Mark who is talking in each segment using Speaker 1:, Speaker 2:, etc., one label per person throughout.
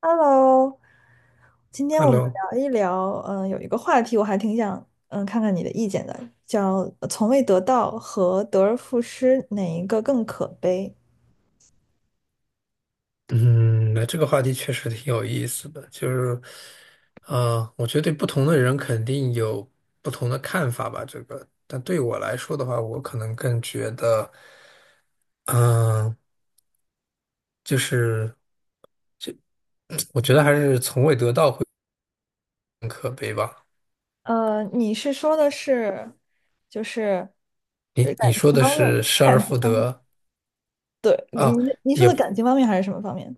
Speaker 1: Hello，今天我们
Speaker 2: Hello，
Speaker 1: 聊一聊，有一个话题我还挺想，看看你的意见的，叫从未得到”和“得而复失”哪一个更可悲？
Speaker 2: 嗯，那这个话题确实挺有意思的，就是，我觉得对不同的人肯定有不同的看法吧。这个，但对我来说的话，我可能更觉得，嗯、就是 我觉得还是从未得到会更可悲吧。
Speaker 1: 你是说的是，就是
Speaker 2: 你说
Speaker 1: 一
Speaker 2: 的
Speaker 1: 方面，
Speaker 2: 是失而
Speaker 1: 感情
Speaker 2: 复
Speaker 1: 方面，
Speaker 2: 得
Speaker 1: 对，
Speaker 2: 啊，
Speaker 1: 你说
Speaker 2: 也
Speaker 1: 的感情方面还是什么方面？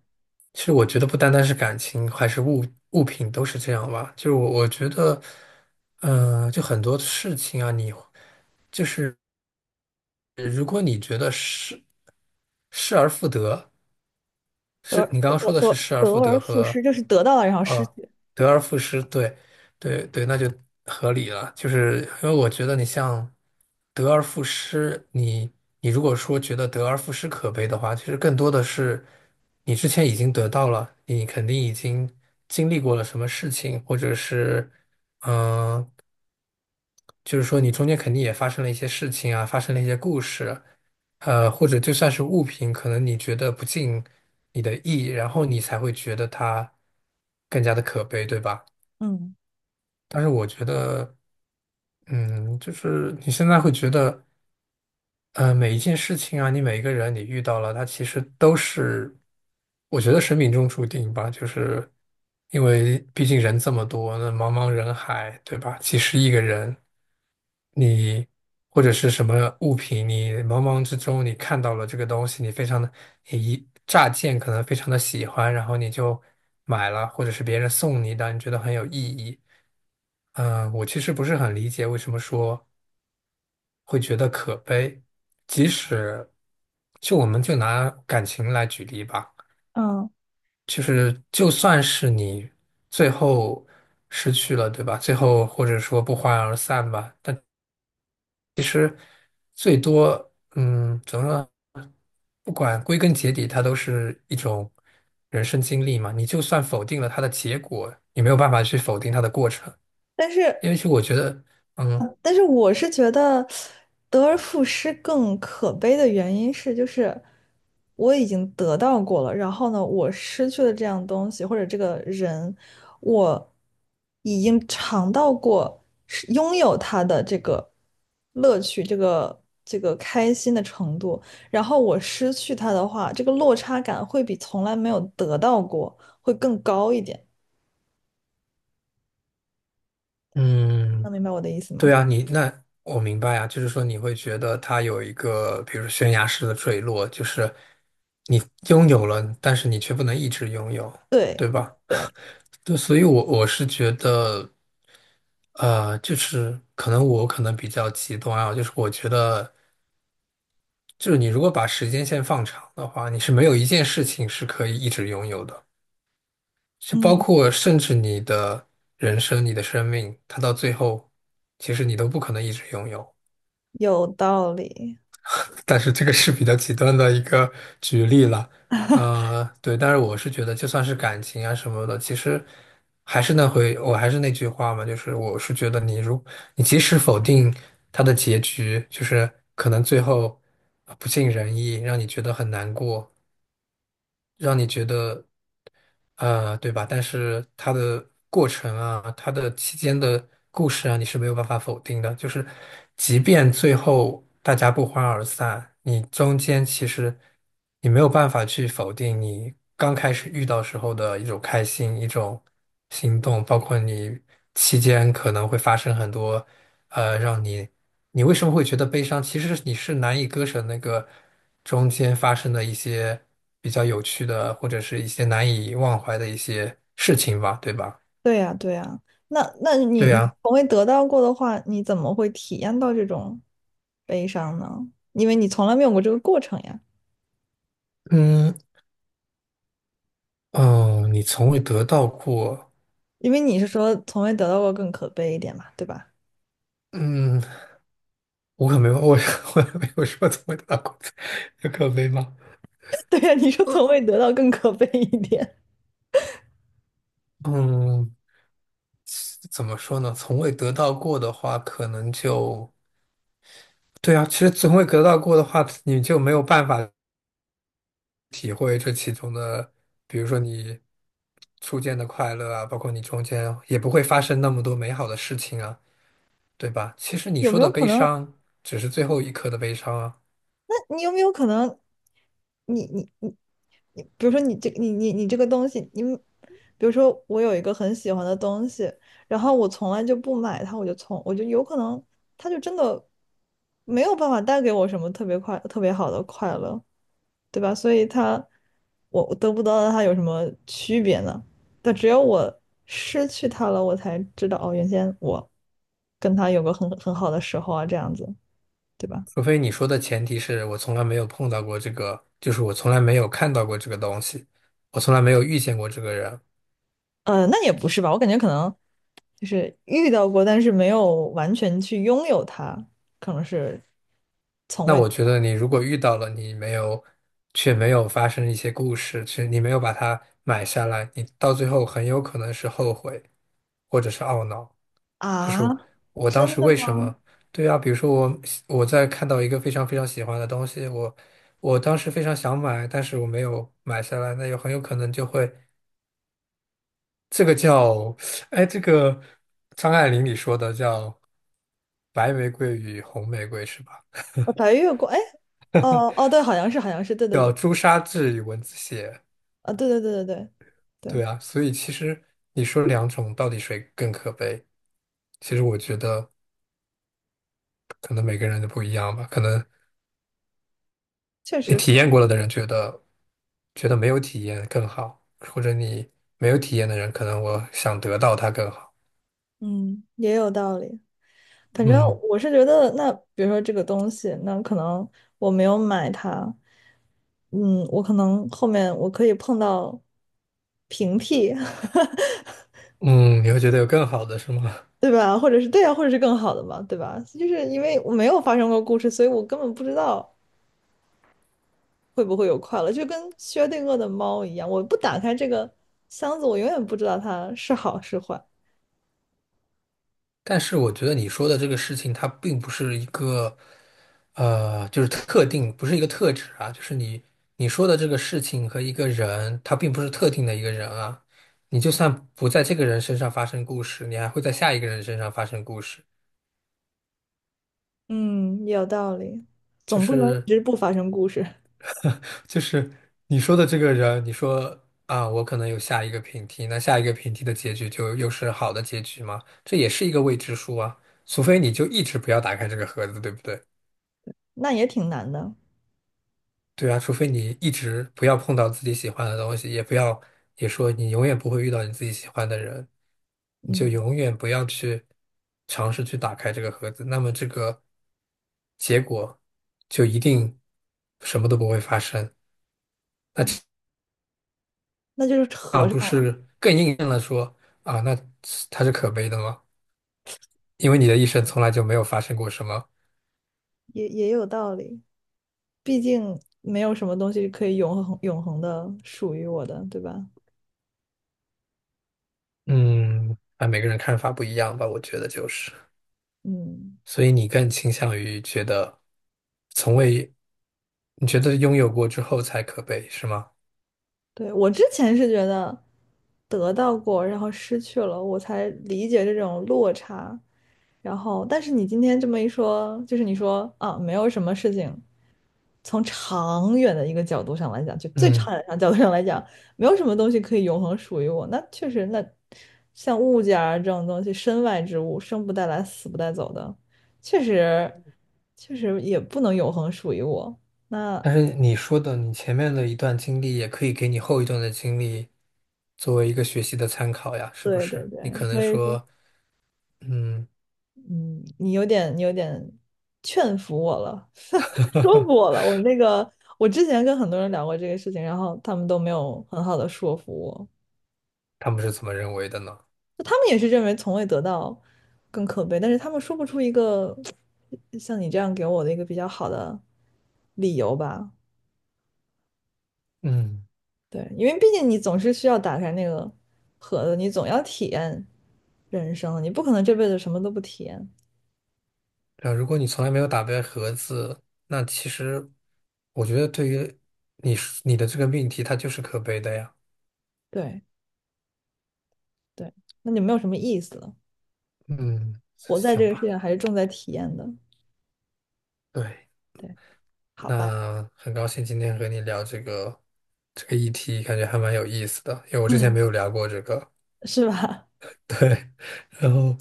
Speaker 2: 其实我觉得不单单是感情，还是物品都是这样吧。就是我觉得，就很多事情啊，你就是。如果你觉得失而复得，是你刚刚说的是失而
Speaker 1: 得
Speaker 2: 复
Speaker 1: 而
Speaker 2: 得
Speaker 1: 复失，
Speaker 2: 和
Speaker 1: 就是得到了然后失
Speaker 2: 呃
Speaker 1: 去。
Speaker 2: 得而复失，对对对，那就合理了。就是因为我觉得你像得而复失，你如果说觉得得而复失可悲的话，其实更多的是你之前已经得到了，你肯定已经经历过了什么事情，或者是嗯。呃就是说你中间肯定也发生了一些事情啊，发生了一些故事，或者就算是物品，可能你觉得不尽你的意，然后你才会觉得它更加的可悲，对吧？
Speaker 1: 嗯
Speaker 2: 但是我觉得，嗯，就是你现在会觉得。每一件事情啊，你每一个人你遇到了，他其实都是，我觉得是命中注定吧。就是因为毕竟人这么多，那茫茫人海，对吧？几十亿个人，你或者是什么物品，你茫茫之中你看到了这个东西，你非常的，你一乍见可能非常的喜欢，然后你就买了，或者是别人送你的，你觉得很有意义。嗯，我其实不是很理解为什么说，会觉得可悲。即使就我们就拿感情来举例吧，
Speaker 1: 嗯，
Speaker 2: 就是就算是你最后失去了，对吧？最后或者说不欢而散吧，但其实最多，嗯，怎么说？不管归根结底，它都是一种人生经历嘛。你就算否定了它的结果，你没有办法去否定它的过程，
Speaker 1: 但是
Speaker 2: 因为其实我觉得，嗯。
Speaker 1: 但是我是觉得得而复失更可悲的原因是，就是我已经得到过了，然后呢，我失去了这样东西或者这个人，我已经尝到过是拥有他的这个乐趣，这个开心的程度，然后我失去他的话，这个落差感会比从来没有得到过会更高一点。
Speaker 2: 嗯，
Speaker 1: 能明白我的意思
Speaker 2: 对
Speaker 1: 吗？
Speaker 2: 啊，你那我明白啊，就是说你会觉得它有一个，比如说悬崖式的坠落，就是你拥有了，但是你却不能一直拥有，
Speaker 1: 对，
Speaker 2: 对吧？
Speaker 1: 对，
Speaker 2: 对，所以我是觉得，就是可能我可能比较极端啊，就是我觉得，就是你如果把时间线放长的话，你是没有一件事情是可以一直拥有的，就
Speaker 1: 嗯，
Speaker 2: 包括甚至你的人生、你的生命，它到最后，其实你都不可能一直拥有。
Speaker 1: 有道理。
Speaker 2: 但是这个是比较极端的一个举例了，呃，对，但是我是觉得，就算是感情啊什么的，其实还是那回，我还是那句话嘛，就是我是觉得你即使否定他的结局，就是可能最后不尽人意，让你觉得很难过，让你觉得对吧？但是它的过程啊，它的期间的故事啊，你是没有办法否定的。就是，即便最后大家不欢而散，你中间其实你没有办法去否定你刚开始遇到时候的一种开心、一种心动，包括你期间可能会发生很多让你你为什么会觉得悲伤？其实你是难以割舍那个中间发生的一些比较有趣的，或者是一些难以忘怀的一些事情吧，对吧？
Speaker 1: 对呀，对呀，那你
Speaker 2: 对
Speaker 1: 你
Speaker 2: 呀，
Speaker 1: 从未得到过的话，你怎么会体验到这种悲伤呢？因为你从来没有过这个过程呀。
Speaker 2: 嗯，哦，你从未得到过，
Speaker 1: 因为你是说从未得到过更可悲一点嘛，对吧？
Speaker 2: 嗯，我可没有，我 我也没有说从未得到过，有可悲吗？
Speaker 1: 对呀，你说从未得到更可悲一点，
Speaker 2: 嗯，怎么说呢？从未得到过的话，可能就对啊。其实从未得到过的话，你就没有办法。体会这其中的，比如说你初见的快乐啊，包括你中间也不会发生那么多美好的事情啊，对吧？其实你
Speaker 1: 有
Speaker 2: 说
Speaker 1: 没有
Speaker 2: 的
Speaker 1: 可
Speaker 2: 悲
Speaker 1: 能？
Speaker 2: 伤只是最后一刻的悲伤啊，
Speaker 1: 那你有没有可能你，比如说你你你这个东西，你比如说我有一个很喜欢的东西，然后我从来就不买它，我就有可能它就真的没有办法带给我什么特别快特别好的快乐，对吧？所以它我得不到它有什么区别呢？但只有我失去它了，我才知道哦，原先我跟它有个很好的时候啊，这样子，对吧？
Speaker 2: 除非你说的前提是我从来没有碰到过这个，就是我从来没有看到过这个东西，我从来没有遇见过这个人。
Speaker 1: 那也不是吧，我感觉可能。就是遇到过，但是没有完全去拥有它，可能是从
Speaker 2: 那
Speaker 1: 未
Speaker 2: 我
Speaker 1: 得
Speaker 2: 觉
Speaker 1: 到
Speaker 2: 得你如果遇到了，你没有，却没有发生一些故事，其实你没有把它买下来，你到最后很有可能是后悔，或者是懊恼。就是
Speaker 1: 啊？
Speaker 2: 我当
Speaker 1: 真
Speaker 2: 时
Speaker 1: 的
Speaker 2: 为什
Speaker 1: 吗？
Speaker 2: 么？对啊，比如说我在看到一个非常非常喜欢的东西，我当时非常想买，但是我没有买下来，那有很有可能就会这个叫，哎，这个张爱玲里说的叫白玫瑰与红玫瑰是吧？
Speaker 1: 白月光，哎，哦哦，对，好像是，好像是，对对
Speaker 2: 叫
Speaker 1: 对，
Speaker 2: 朱砂痣与蚊子血。
Speaker 1: 啊，对对对对对
Speaker 2: 对
Speaker 1: 对，
Speaker 2: 啊，所以其实你说两种到底谁更可悲？其实我觉得可能每个人都不一样吧，可能。
Speaker 1: 确
Speaker 2: 你
Speaker 1: 实
Speaker 2: 体
Speaker 1: 可
Speaker 2: 验
Speaker 1: 能，
Speaker 2: 过了的人觉得觉得没有体验更好，或者你没有体验的人，可能我想得到它更好。
Speaker 1: 嗯，也有道理。反正
Speaker 2: 嗯
Speaker 1: 我是觉得，那比如说这个东西，那可能我没有买它，嗯，我可能后面我可以碰到平替，
Speaker 2: 嗯，你会觉得有更好的是吗？
Speaker 1: 对吧？或者是对啊，或者是更好的嘛，对吧？就是因为我没有发生过故事，所以我根本不知道会不会有快乐，就跟薛定谔的猫一样，我不打开这个箱子，我永远不知道它是好是坏。
Speaker 2: 但是我觉得你说的这个事情，它并不是一个就是特定，不是一个特质啊，就是你说的这个事情和一个人，他并不是特定的一个人啊。你就算不在这个人身上发生故事，你还会在下一个人身上发生故事。
Speaker 1: 嗯，有道理，
Speaker 2: 就
Speaker 1: 总不能一
Speaker 2: 是
Speaker 1: 直不发生故事，
Speaker 2: 就是你说的这个人，你说啊，我可能有下一个平替，那下一个平替的结局就又是好的结局吗？这也是一个未知数啊，除非你就一直不要打开这个盒子，对不对？
Speaker 1: 那也挺难的。
Speaker 2: 对啊，除非你一直不要碰到自己喜欢的东西，也不要，也说你永远不会遇到你自己喜欢的人，你就
Speaker 1: 嗯，
Speaker 2: 永远不要去尝试去打开这个盒子，那么这个结果就一定什么都不会发生。
Speaker 1: 对，那就是
Speaker 2: 啊，
Speaker 1: 合
Speaker 2: 不
Speaker 1: 上了，
Speaker 2: 是更印证了说啊，那是它是可悲的吗？因为你的一生从来就没有发生过什么，
Speaker 1: 也也有道理，毕竟没有什么东西可以永恒的属于我的，对吧？
Speaker 2: 嗯，啊，每个人看法不一样吧，我觉得就是，
Speaker 1: 嗯。
Speaker 2: 所以你更倾向于觉得从未，你觉得拥有过之后才可悲，是吗？
Speaker 1: 对，我之前是觉得得到过，然后失去了，我才理解这种落差。然后，但是你今天这么一说，就是你说啊，没有什么事情，从长远的一个角度上来讲，就最
Speaker 2: 嗯，
Speaker 1: 长远的角度上来讲，没有什么东西可以永恒属于我。那确实，那像物件儿这种东西，身外之物，生不带来，死不带走的，确实，确实也不能永恒属于我。那
Speaker 2: 但是你说的，你前面的一段经历也可以给你后一段的经历作为一个学习的参考呀，是不
Speaker 1: 对
Speaker 2: 是？
Speaker 1: 对
Speaker 2: 你
Speaker 1: 对，
Speaker 2: 可能
Speaker 1: 所以说。
Speaker 2: 说，嗯，
Speaker 1: 嗯，你有点，你有点劝服我了，说服我了。我那个，我之前跟很多人聊过这个事情，然后他们都没有很好的说服我。
Speaker 2: 他们是怎么认为的呢？
Speaker 1: 他们也是认为从未得到更可悲，但是他们说不出一个像你这样给我的一个比较好的理由吧？
Speaker 2: 嗯。
Speaker 1: 对，因为毕竟你总是需要打开那个盒子，你总要体验人生，你不可能这辈子什么都不体验。
Speaker 2: 对啊，如果你从来没有打败盒子，那其实我觉得对于你是你的这个命题，它就是可悲的呀。
Speaker 1: 对对，那就没有什么意思了。
Speaker 2: 嗯，
Speaker 1: 活在这
Speaker 2: 行
Speaker 1: 个世界
Speaker 2: 吧，
Speaker 1: 上还是重在体验的。
Speaker 2: 对，
Speaker 1: 对，好吧，
Speaker 2: 那很高兴今天和你聊这个这个议题，感觉还蛮有意思的，因为我之前
Speaker 1: 嗯，
Speaker 2: 没有聊过这个。
Speaker 1: 是吧？
Speaker 2: 对，然后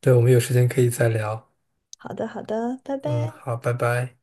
Speaker 2: 对，我们有时间可以再聊。
Speaker 1: 好的，好的，拜
Speaker 2: 嗯，
Speaker 1: 拜。
Speaker 2: 好，拜拜。